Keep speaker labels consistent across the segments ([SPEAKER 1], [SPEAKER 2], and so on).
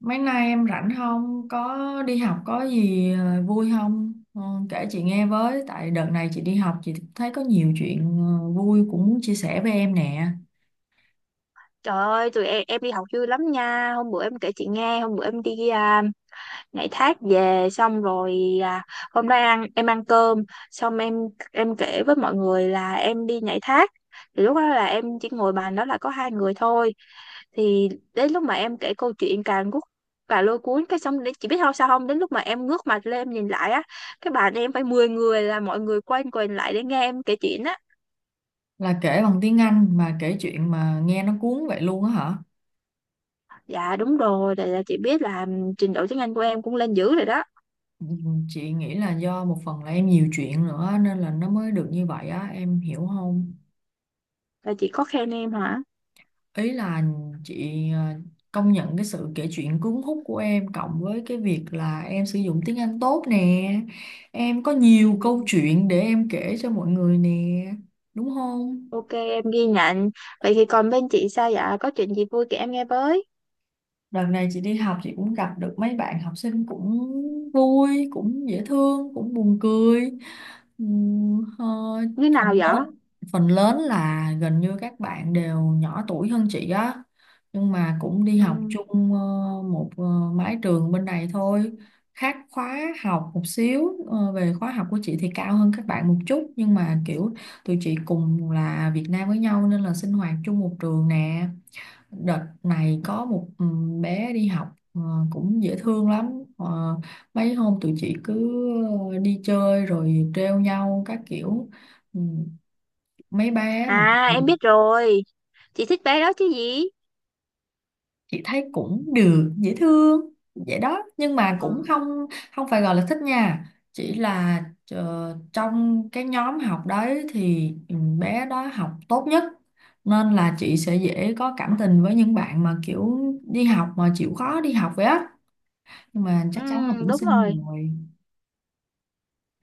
[SPEAKER 1] Mấy nay em rảnh không? Có đi học có gì vui không? Ờ, kể chị nghe với, tại đợt này chị đi học chị thấy có nhiều chuyện vui cũng muốn chia sẻ với em nè.
[SPEAKER 2] Trời ơi, em đi học vui lắm nha. Hôm bữa em kể chị nghe. Hôm bữa em đi nhảy thác về xong rồi. Hôm đó em ăn cơm xong em kể với mọi người là em đi nhảy thác. Thì lúc đó là em chỉ ngồi bàn đó là có hai người thôi. Thì đến lúc mà em kể câu chuyện càng lôi cuốn, cái xong đến, chị biết không, sao không, đến lúc mà em ngước mặt lên em nhìn lại á, cái bàn em phải 10 người, là mọi người quay quần lại để nghe em kể chuyện á.
[SPEAKER 1] Là kể bằng tiếng Anh mà kể chuyện mà nghe nó cuốn vậy luôn á hả?
[SPEAKER 2] Dạ đúng rồi, tại là chị biết là trình độ tiếng Anh của em cũng lên dữ rồi đó.
[SPEAKER 1] Ừ, chị nghĩ là do một phần là em nhiều chuyện nữa nên là nó mới được như vậy á, em hiểu không?
[SPEAKER 2] Là chị có khen em hả?
[SPEAKER 1] Ý là chị công nhận cái sự kể chuyện cuốn hút của em cộng với cái việc là em sử dụng tiếng Anh tốt nè, em có
[SPEAKER 2] Ừ.
[SPEAKER 1] nhiều câu chuyện để em kể cho mọi người nè, đúng không?
[SPEAKER 2] Ok em ghi nhận. Vậy thì còn bên chị sao, dạ có chuyện gì vui kể em nghe với?
[SPEAKER 1] Đợt này chị đi học chị cũng gặp được mấy bạn học sinh cũng vui, cũng dễ thương, cũng buồn cười. Ừm, ờ,
[SPEAKER 2] Như nào
[SPEAKER 1] phần
[SPEAKER 2] vậy?
[SPEAKER 1] lớn phần lớn là gần như các bạn đều nhỏ tuổi hơn chị á. Nhưng mà cũng đi học
[SPEAKER 2] Ừ.
[SPEAKER 1] chung một mái trường bên này thôi. Khác khóa học một xíu, về khóa học của chị thì cao hơn các bạn một chút, nhưng mà kiểu tụi chị cùng là Việt Nam với nhau nên là sinh hoạt chung một trường nè. Đợt này có một bé đi học ờ, cũng dễ thương lắm. Ờ, mấy hôm tụi chị cứ đi chơi rồi trêu nhau các kiểu. Ừ, mấy bé mà
[SPEAKER 2] À em biết rồi, chị thích bé đó chứ gì?
[SPEAKER 1] chị thấy cũng được, dễ thương vậy đó, nhưng mà
[SPEAKER 2] Ờ.
[SPEAKER 1] cũng không, không phải gọi là thích nha. Chỉ là trong cái nhóm học đấy thì bé đó học tốt nhất, nên là chị sẽ dễ có cảm tình với những bạn mà kiểu đi học mà chịu khó đi học vậy á, nhưng mà
[SPEAKER 2] Ừ,
[SPEAKER 1] chắc chắn là cũng
[SPEAKER 2] đúng
[SPEAKER 1] xinh
[SPEAKER 2] rồi.
[SPEAKER 1] rồi.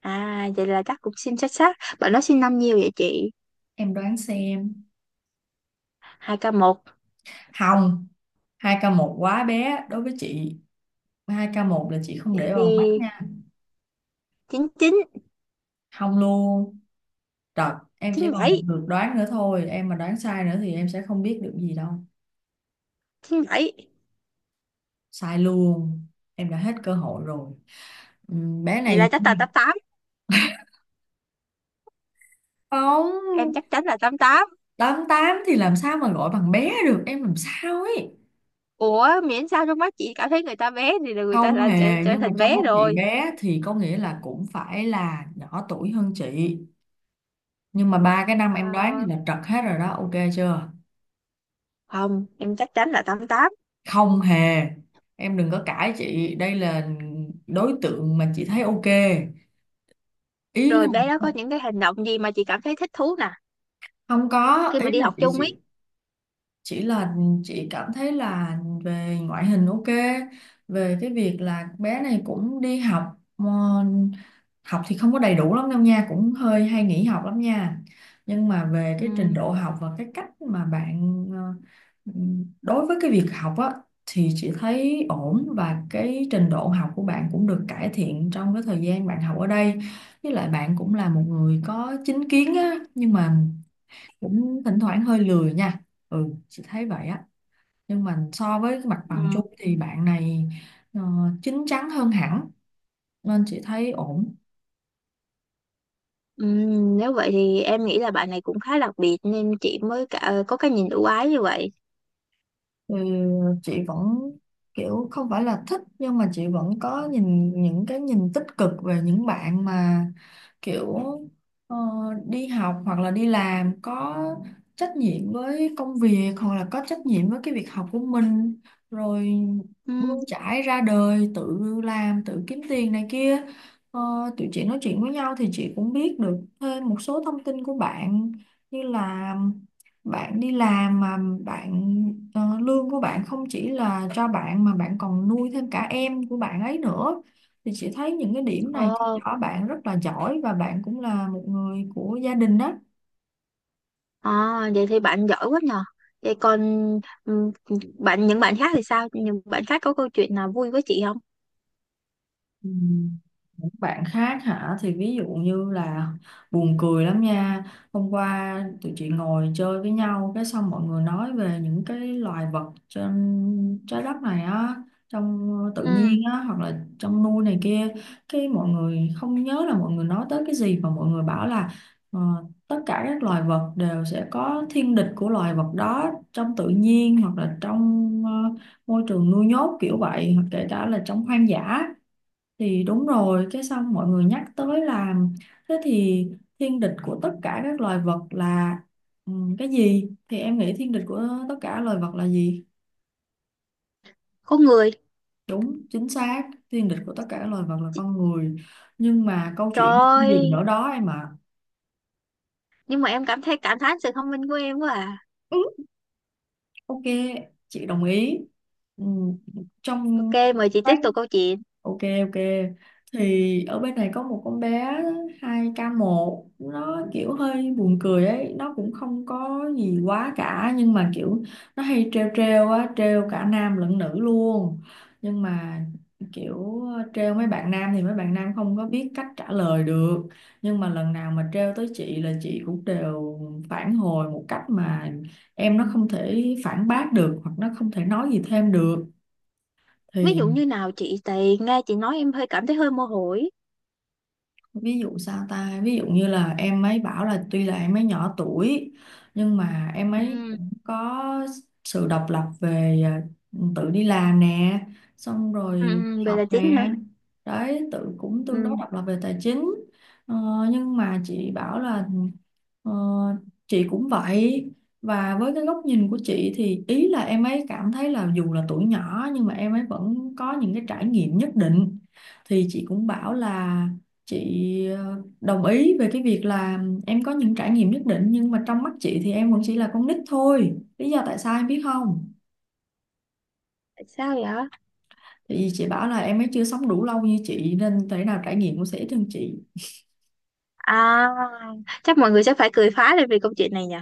[SPEAKER 2] À vậy là chắc cũng xin xuất sắc, bạn nó sinh năm nhiêu vậy chị?
[SPEAKER 1] Em đoán xem.
[SPEAKER 2] 2k1?
[SPEAKER 1] Hồng, 2k1 quá bé đối với chị, 2k1 là chị không
[SPEAKER 2] Vậy
[SPEAKER 1] để
[SPEAKER 2] thì
[SPEAKER 1] vào mắt nha.
[SPEAKER 2] 99?
[SPEAKER 1] Không luôn. Rồi, em
[SPEAKER 2] chín
[SPEAKER 1] chỉ còn một
[SPEAKER 2] bảy
[SPEAKER 1] lượt đoán nữa thôi, em mà đoán sai nữa thì em sẽ không biết được gì đâu.
[SPEAKER 2] chín bảy
[SPEAKER 1] Sai luôn, em đã hết cơ hội rồi. Bé
[SPEAKER 2] vậy
[SPEAKER 1] này
[SPEAKER 2] là chắc là 88. Em
[SPEAKER 1] không.
[SPEAKER 2] chắc chắn là 88.
[SPEAKER 1] 88 thì làm sao mà gọi bằng bé được, em làm sao ấy.
[SPEAKER 2] Ủa miễn sao trong mắt chị cảm thấy người ta bé thì là người ta
[SPEAKER 1] Không
[SPEAKER 2] là trở,
[SPEAKER 1] hề,
[SPEAKER 2] trở
[SPEAKER 1] nhưng mà
[SPEAKER 2] thành
[SPEAKER 1] trong
[SPEAKER 2] bé
[SPEAKER 1] mắt chị
[SPEAKER 2] rồi.
[SPEAKER 1] bé thì có nghĩa là cũng phải là nhỏ tuổi hơn chị, nhưng mà ba cái năm em đoán thì
[SPEAKER 2] à,
[SPEAKER 1] là trật hết rồi đó, ok chưa?
[SPEAKER 2] không em chắc chắn là 88.
[SPEAKER 1] Không hề, em đừng có cãi chị, đây là đối tượng mà chị thấy ok. Ý
[SPEAKER 2] Rồi
[SPEAKER 1] không,
[SPEAKER 2] bé đó có những cái hành động gì mà chị cảm thấy thích thú nè,
[SPEAKER 1] không có
[SPEAKER 2] khi
[SPEAKER 1] ý
[SPEAKER 2] mà đi
[SPEAKER 1] là
[SPEAKER 2] học
[SPEAKER 1] chị
[SPEAKER 2] chung
[SPEAKER 1] chị
[SPEAKER 2] ấy?
[SPEAKER 1] chỉ là chị cảm thấy là về ngoại hình ok, về cái việc là bé này cũng đi học. ờ, học thì không có đầy đủ lắm đâu nha, cũng hơi hay nghỉ học lắm nha. Nhưng mà về
[SPEAKER 2] Ừ.
[SPEAKER 1] cái trình độ học và cái cách mà bạn ờ, đối với cái việc học á, thì chị thấy ổn, và cái trình độ học của bạn cũng được cải thiện trong cái thời gian bạn học ở đây. Với lại bạn cũng là một người có chính kiến á, nhưng mà cũng thỉnh thoảng hơi lười nha, ừ, chị thấy vậy á. Nhưng mà so với cái mặt bằng chung
[SPEAKER 2] Ừ.
[SPEAKER 1] thì bạn này ờ, chín chắn hơn hẳn, nên chị thấy ổn.
[SPEAKER 2] Ừ. Nếu vậy thì em nghĩ là bạn này cũng khá đặc biệt nên chị mới có cái nhìn ưu ái như vậy.
[SPEAKER 1] Ừ, chị vẫn kiểu không phải là thích, nhưng mà chị vẫn có nhìn những cái nhìn tích cực về những bạn mà kiểu ờ, đi học hoặc là đi làm có trách nhiệm với công việc, hoặc là có trách nhiệm với cái việc học của mình, rồi
[SPEAKER 2] Ừ.
[SPEAKER 1] bươn chải ra đời tự làm tự kiếm tiền này kia. Ờ, tụi chị nói chuyện với nhau thì chị cũng biết được thêm một số thông tin của bạn, như là bạn đi làm mà bạn lương của bạn không chỉ là cho bạn mà bạn còn nuôi thêm cả em của bạn ấy nữa, thì chị thấy những cái điểm này chứng
[SPEAKER 2] ờ,
[SPEAKER 1] tỏ bạn rất là giỏi, và bạn cũng là một người của gia đình đó.
[SPEAKER 2] ờ, vậy thì bạn giỏi quá nhờ. Vậy còn ừ, bạn những bạn khác thì sao, những bạn khác có câu chuyện nào vui với chị không?
[SPEAKER 1] Ừ. Những bạn khác hả, thì ví dụ như là buồn cười lắm nha. Hôm qua tụi chị ngồi chơi với nhau, cái xong mọi người nói về những cái loài vật trên trái đất này á, trong tự
[SPEAKER 2] Ừ.
[SPEAKER 1] nhiên á hoặc là trong nuôi này kia. Cái mọi người không nhớ là mọi người nói tới cái gì, mà mọi người bảo là ờ, tất cả các loài vật đều sẽ có thiên địch của loài vật đó, trong tự nhiên hoặc là trong môi trường nuôi nhốt kiểu vậy, hoặc kể cả là trong hoang dã. Thì đúng rồi, cái xong mọi người nhắc tới là thế thì thiên địch của tất cả các loài vật là ừ, cái gì? Thì em nghĩ thiên địch của tất cả loài vật là gì?
[SPEAKER 2] Có người.
[SPEAKER 1] Đúng, chính xác, thiên địch của tất cả loài vật là con người. Nhưng mà câu chuyện không
[SPEAKER 2] Trời
[SPEAKER 1] dừng
[SPEAKER 2] ơi,
[SPEAKER 1] ở đó em ạ.
[SPEAKER 2] nhưng mà em cảm thấy cảm thán sự thông minh của em quá à.
[SPEAKER 1] Ừ, ok, chị đồng ý. Ừ,
[SPEAKER 2] Ok,
[SPEAKER 1] trong
[SPEAKER 2] mời chị tiếp tục câu chuyện.
[SPEAKER 1] ok ok, thì ở bên này có một con bé 2k1, nó kiểu hơi buồn cười ấy, nó cũng không có gì quá cả nhưng mà kiểu nó hay trêu trêu á, trêu cả nam lẫn nữ luôn. Nhưng mà kiểu trêu mấy bạn nam thì mấy bạn nam không có biết cách trả lời được, nhưng mà lần nào mà trêu tới chị là chị cũng đều phản hồi một cách mà em nó không thể phản bác được, hoặc nó không thể nói gì thêm được.
[SPEAKER 2] Ví dụ
[SPEAKER 1] Thì
[SPEAKER 2] như nào chị, tại nghe chị nói em hơi cảm thấy hơi mơ hồ ý.
[SPEAKER 1] ví dụ sao ta, ví dụ như là em ấy bảo là tuy là em ấy nhỏ tuổi nhưng mà em ấy
[SPEAKER 2] Ừ.
[SPEAKER 1] cũng có sự độc lập về tự đi làm nè, xong
[SPEAKER 2] Ừ.
[SPEAKER 1] rồi
[SPEAKER 2] Ừ. Vậy
[SPEAKER 1] học
[SPEAKER 2] là chính
[SPEAKER 1] nè
[SPEAKER 2] hả?
[SPEAKER 1] đấy, tự cũng tương đối
[SPEAKER 2] Ừ.
[SPEAKER 1] độc lập về tài chính. ờ, nhưng mà chị bảo là ờ, chị cũng vậy, và với cái góc nhìn của chị thì ý là em ấy cảm thấy là dù là tuổi nhỏ nhưng mà em ấy vẫn có những cái trải nghiệm nhất định. Thì chị cũng bảo là chị đồng ý về cái việc là em có những trải nghiệm nhất định, nhưng mà trong mắt chị thì em vẫn chỉ là con nít thôi, lý do tại sao em biết không?
[SPEAKER 2] Tại sao vậy?
[SPEAKER 1] Thì chị bảo là em ấy chưa sống đủ lâu như chị, nên thể nào trải nghiệm cũng sẽ ít hơn chị.
[SPEAKER 2] À, chắc mọi người sẽ phải cười phá lên vì câu chuyện này nhỉ?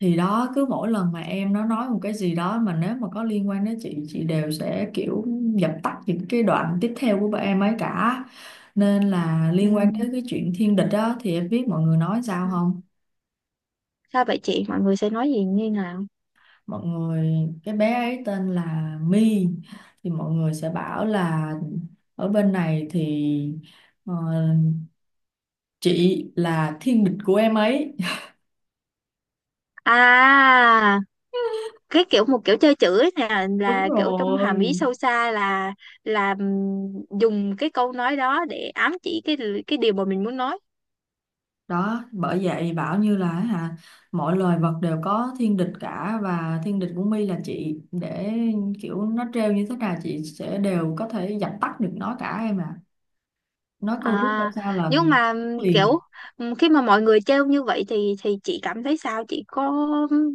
[SPEAKER 1] Thì đó, cứ mỗi lần mà em nó nói một cái gì đó mà nếu mà có liên quan đến chị đều sẽ kiểu dập tắt những cái đoạn tiếp theo của bọn em ấy cả. Nên là
[SPEAKER 2] Ừ.
[SPEAKER 1] liên quan tới cái chuyện thiên địch đó, thì em biết mọi người nói sao
[SPEAKER 2] Ừ.
[SPEAKER 1] không?
[SPEAKER 2] Sao vậy chị? Mọi người sẽ nói gì như nào?
[SPEAKER 1] Mọi người, cái bé ấy tên là My, thì mọi người sẽ bảo là ở bên này thì ờ, chị là thiên địch của em ấy.
[SPEAKER 2] À, cái kiểu, một kiểu chơi chữ ấy nè,
[SPEAKER 1] Đúng
[SPEAKER 2] là kiểu trong hàm ý
[SPEAKER 1] rồi,
[SPEAKER 2] sâu xa là dùng cái câu nói đó để ám chỉ cái điều mà mình muốn nói.
[SPEAKER 1] đó bởi vậy bảo như là hả, mọi loài vật đều có thiên địch cả, và thiên địch của My là chị. Để kiểu nó trêu như thế nào chị sẽ đều có thể dập tắt được nó cả em à, nói câu trước ra
[SPEAKER 2] À,
[SPEAKER 1] sao là
[SPEAKER 2] nhưng mà
[SPEAKER 1] liền.
[SPEAKER 2] kiểu khi mà mọi người trêu như vậy thì chị cảm thấy sao? Chị có ừm,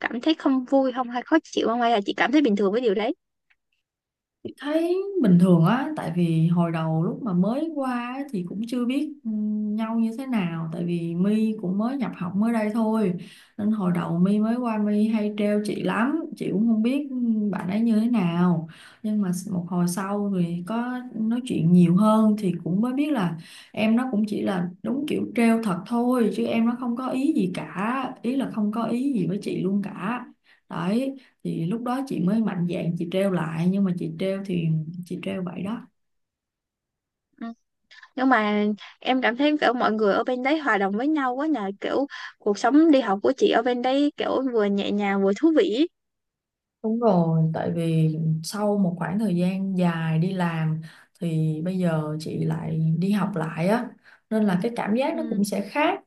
[SPEAKER 2] cảm thấy không vui không, hay khó chịu không, hay là chị cảm thấy bình thường với điều đấy?
[SPEAKER 1] Chị thấy bình thường á, tại vì hồi đầu lúc mà mới qua á, thì cũng chưa biết nhau như thế nào, tại vì My cũng mới nhập học mới đây thôi, nên hồi đầu My mới qua, My hay trêu chị lắm, chị cũng không biết bạn ấy như thế nào. Nhưng mà một hồi sau thì có nói chuyện nhiều hơn thì cũng mới biết là em nó cũng chỉ là đúng kiểu trêu thật thôi, chứ em nó không có ý gì cả, ý là không có ý gì với chị luôn cả, đấy. Thì lúc đó chị mới mạnh dạn chị treo lại, nhưng mà chị treo thì chị treo vậy đó.
[SPEAKER 2] Ừ. Nhưng mà em cảm thấy kiểu mọi người ở bên đấy hòa đồng với nhau quá nhờ, kiểu cuộc sống đi học của chị ở bên đấy kiểu vừa nhẹ nhàng vừa thú vị.
[SPEAKER 1] Đúng rồi, tại vì sau một khoảng thời gian dài đi làm thì bây giờ chị lại đi học lại á, nên là cái cảm giác nó
[SPEAKER 2] Ừ.
[SPEAKER 1] cũng sẽ khác.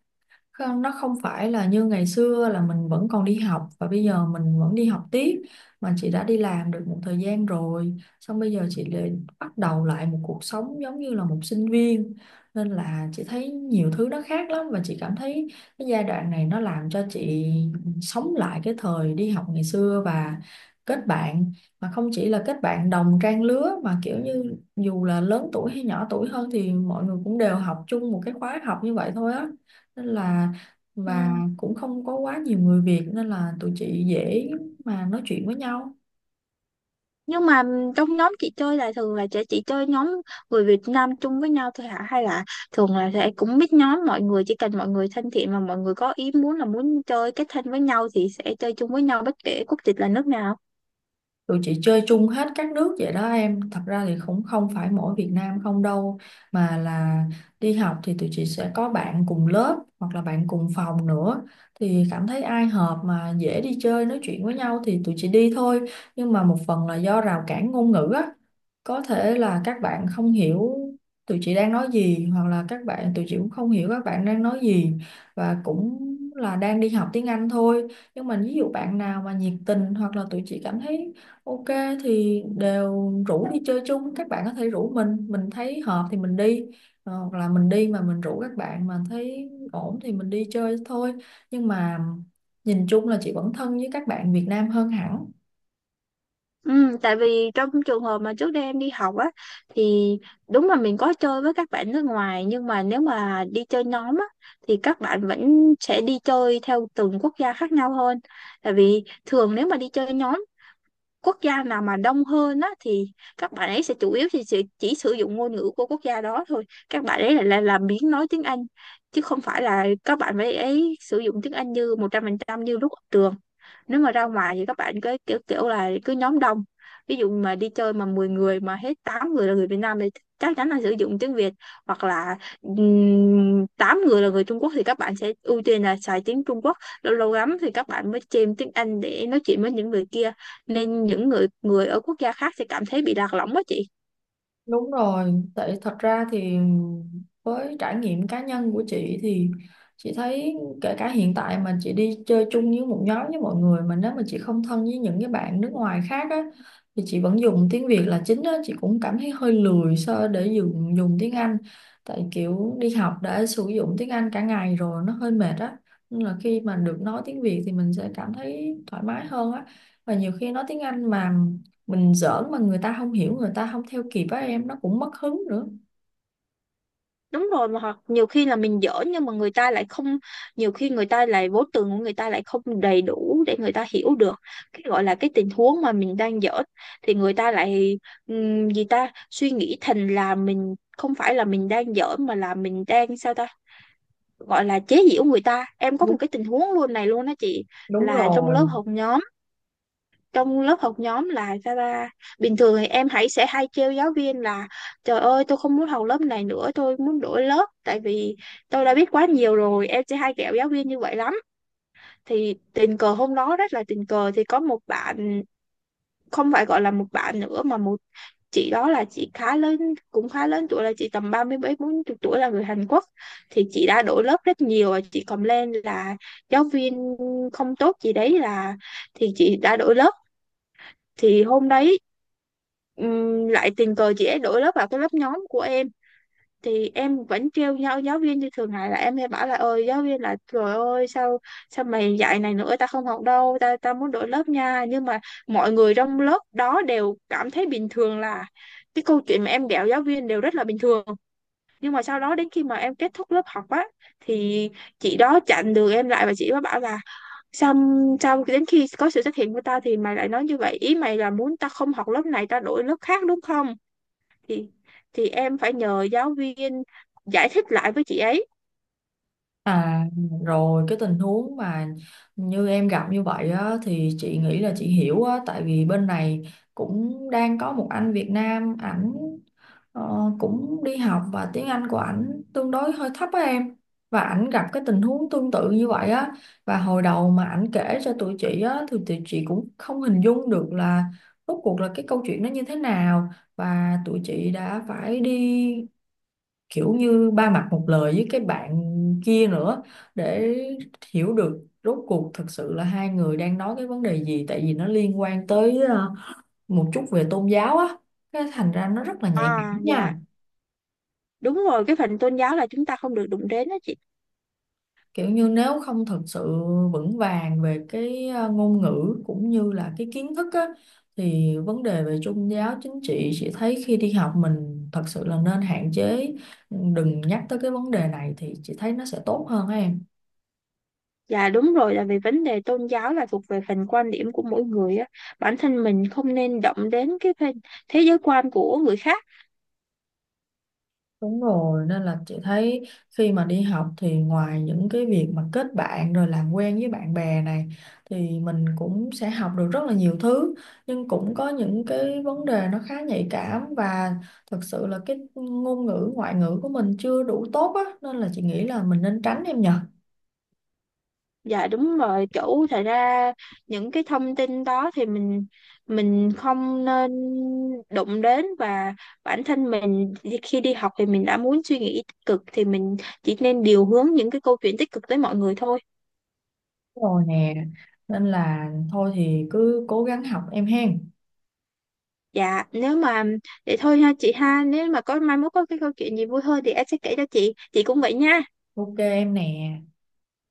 [SPEAKER 1] Không, nó không phải là như ngày xưa là mình vẫn còn đi học và bây giờ mình vẫn đi học tiếp, mà chị đã đi làm được một thời gian rồi, xong bây giờ chị lại bắt đầu lại một cuộc sống giống như là một sinh viên, nên là chị thấy nhiều thứ nó khác lắm. Và chị cảm thấy cái giai đoạn này nó làm cho chị sống lại cái thời đi học ngày xưa và kết bạn, mà không chỉ là kết bạn đồng trang lứa mà kiểu như dù là lớn tuổi hay nhỏ tuổi hơn thì mọi người cũng đều học chung một cái khóa học như vậy thôi á. Nên là
[SPEAKER 2] Ừ.
[SPEAKER 1] và cũng không có quá nhiều người Việt nên là tụi chị dễ mà nói chuyện với nhau.
[SPEAKER 2] Nhưng mà trong nhóm chị chơi là thường là chị chơi nhóm người Việt Nam chung với nhau thôi hả? Hay là thường là sẽ cũng biết nhóm mọi người, chỉ cần mọi người thân thiện mà mọi người có ý muốn là muốn chơi kết thân với nhau thì sẽ chơi chung với nhau bất kể quốc tịch là nước nào.
[SPEAKER 1] Tụi chị chơi chung hết các nước vậy đó em, thật ra thì cũng không phải mỗi Việt Nam không đâu, mà là đi học thì tụi chị sẽ có bạn cùng lớp hoặc là bạn cùng phòng nữa, thì cảm thấy ai hợp mà dễ đi chơi nói chuyện với nhau thì tụi chị đi thôi. Nhưng mà một phần là do rào cản ngôn ngữ á, có thể là các bạn không hiểu tụi chị đang nói gì, hoặc là các bạn tụi chị cũng không hiểu các bạn đang nói gì, và cũng là đang đi học tiếng Anh thôi. Nhưng mà ví dụ bạn nào mà nhiệt tình hoặc là tụi chị cảm thấy Ok thì đều rủ đi chơi chung, các bạn có thể rủ mình thấy hợp thì mình đi. Ờ, hoặc là mình đi mà mình rủ các bạn mà thấy ổn thì mình đi chơi thôi. Nhưng mà nhìn chung là chị vẫn thân với các bạn Việt Nam hơn hẳn.
[SPEAKER 2] Ừ, tại vì trong trường hợp mà trước đây em đi học á, thì đúng là mình có chơi với các bạn nước ngoài nhưng mà nếu mà đi chơi nhóm á thì các bạn vẫn sẽ đi chơi theo từng quốc gia khác nhau hơn. Tại vì thường nếu mà đi chơi nhóm, quốc gia nào mà đông hơn á thì các bạn ấy sẽ chủ yếu thì chỉ sử dụng ngôn ngữ của quốc gia đó thôi, các bạn ấy lại là biến nói tiếng Anh chứ không phải là các bạn ấy sử dụng tiếng Anh như 100% như lúc ở trường. Nếu mà ra ngoài thì các bạn cứ kiểu kiểu là cứ nhóm đông, ví dụ mà đi chơi mà 10 người mà hết 8 người là người Việt Nam thì chắc chắn là sử dụng tiếng Việt, hoặc là 8 người là người Trung Quốc thì các bạn sẽ ưu tiên là xài tiếng Trung Quốc, lâu lâu lắm thì các bạn mới chêm tiếng Anh để nói chuyện với những người kia, nên những người người ở quốc gia khác sẽ cảm thấy bị lạc lõng đó chị.
[SPEAKER 1] Đúng rồi, tại thật ra thì với trải nghiệm cá nhân của chị thì chị thấy kể cả hiện tại mà chị đi chơi chung với một nhóm với mọi người, mà nếu mà chị không thân với những cái bạn nước ngoài khác á thì chị vẫn dùng tiếng Việt là chính á. Chị cũng cảm thấy hơi lười so để dùng dùng tiếng Anh, tại kiểu đi học đã sử dụng tiếng Anh cả ngày rồi nó hơi mệt á, nên là khi mà được nói tiếng Việt thì mình sẽ cảm thấy thoải mái hơn á. Và nhiều khi nói tiếng Anh mà mình giỡn mà người ta không hiểu, người ta không theo kịp á em, nó cũng mất hứng nữa.
[SPEAKER 2] Đúng rồi, mà hoặc nhiều khi là mình dở nhưng mà người ta lại không, nhiều khi người ta lại vốn từ của người ta lại không đầy đủ để người ta hiểu được cái gọi là cái tình huống mà mình đang dở, thì người ta lại gì ta, suy nghĩ thành là mình không phải là mình đang dở mà là mình đang sao ta gọi là chế giễu người ta. Em có
[SPEAKER 1] Đúng,
[SPEAKER 2] một cái tình huống luôn này luôn đó chị,
[SPEAKER 1] đúng
[SPEAKER 2] là trong
[SPEAKER 1] rồi.
[SPEAKER 2] lớp học nhóm. Trong lớp học nhóm là sao ta, bình thường thì em hãy sẽ hay trêu giáo viên là trời ơi tôi không muốn học lớp này nữa, tôi muốn đổi lớp tại vì tôi đã biết quá nhiều rồi, em sẽ hay ghẹo giáo viên như vậy lắm. Thì tình cờ hôm đó rất là tình cờ thì có một bạn, không phải gọi là một bạn nữa mà một chị đó, là chị khá lớn, cũng khá lớn tuổi, là chị tầm ba mươi mấy bốn chục tuổi, là người Hàn Quốc. Thì chị đã đổi lớp rất nhiều và chị cầm lên là giáo viên không tốt gì đấy, là thì chị đã đổi lớp. Thì hôm đấy lại tình cờ chị ấy đổi lớp vào cái lớp nhóm của em. Thì em vẫn trêu nhau giáo viên như thường ngày là em hay bảo là ơi giáo viên là trời ơi, sao sao mày dạy này nữa, ta không học đâu, ta ta muốn đổi lớp nha. Nhưng mà mọi người trong lớp đó đều cảm thấy bình thường, là cái câu chuyện mà em ghẹo giáo viên đều rất là bình thường. Nhưng mà sau đó đến khi mà em kết thúc lớp học á thì chị đó chặn đường em lại và chị đó bảo là xong xong đến khi có sự xuất hiện của tao thì mày lại nói như vậy, ý mày là muốn tao không học lớp này, tao đổi lớp khác đúng không? Thì em phải nhờ giáo viên giải thích lại với chị ấy.
[SPEAKER 1] À, rồi cái tình huống mà như em gặp như vậy á, thì chị nghĩ là chị hiểu á, tại vì bên này cũng đang có một anh Việt Nam, ảnh cũng đi học và tiếng Anh của ảnh tương đối hơi thấp á em. Và ảnh gặp cái tình huống tương tự như vậy á, và hồi đầu mà ảnh kể cho tụi chị á thì tụi chị cũng không hình dung được là rốt cuộc là cái câu chuyện nó như thế nào, và tụi chị đã phải đi kiểu như ba mặt một lời với cái bạn kia nữa, để hiểu được rốt cuộc thực sự là hai người đang nói cái vấn đề gì. Tại vì nó liên quan tới một chút về tôn giáo á, cái thành ra nó rất là nhạy
[SPEAKER 2] À
[SPEAKER 1] cảm
[SPEAKER 2] dạ
[SPEAKER 1] nha.
[SPEAKER 2] đúng rồi, cái phần tôn giáo là chúng ta không được đụng đến đó chị.
[SPEAKER 1] Kiểu như nếu không thực sự vững vàng về cái ngôn ngữ cũng như là cái kiến thức á, thì vấn đề về tôn giáo chính trị chị thấy khi đi học mình thật sự là nên hạn chế. Ừ, đừng nhắc tới cái vấn đề này thì chị thấy nó sẽ tốt hơn á em.
[SPEAKER 2] Dạ đúng rồi, là vì vấn đề tôn giáo là thuộc về phần quan điểm của mỗi người á, bản thân mình không nên động đến cái phần thế giới quan của người khác.
[SPEAKER 1] Đúng rồi, nên là chị thấy khi mà đi học thì ngoài những cái việc mà kết bạn rồi làm quen với bạn bè này, thì mình cũng sẽ học được rất là nhiều thứ, nhưng cũng có những cái vấn đề nó khá nhạy cảm và thật sự là cái ngôn ngữ ngoại ngữ của mình chưa đủ tốt á, nên là chị nghĩ là mình nên tránh em nhờ.
[SPEAKER 2] Dạ đúng rồi, chủ thật ra những cái thông tin đó thì mình không nên đụng đến, và bản thân mình thì khi đi học thì mình đã muốn suy nghĩ tích cực thì mình chỉ nên điều hướng những cái câu chuyện tích cực tới mọi người thôi.
[SPEAKER 1] Rồi nè, nên là thôi thì cứ cố gắng học em hen.
[SPEAKER 2] Dạ, nếu mà để thôi ha chị ha, nếu mà có mai mốt có cái câu chuyện gì vui hơn thì em sẽ kể cho chị cũng vậy nha.
[SPEAKER 1] Ok em nè.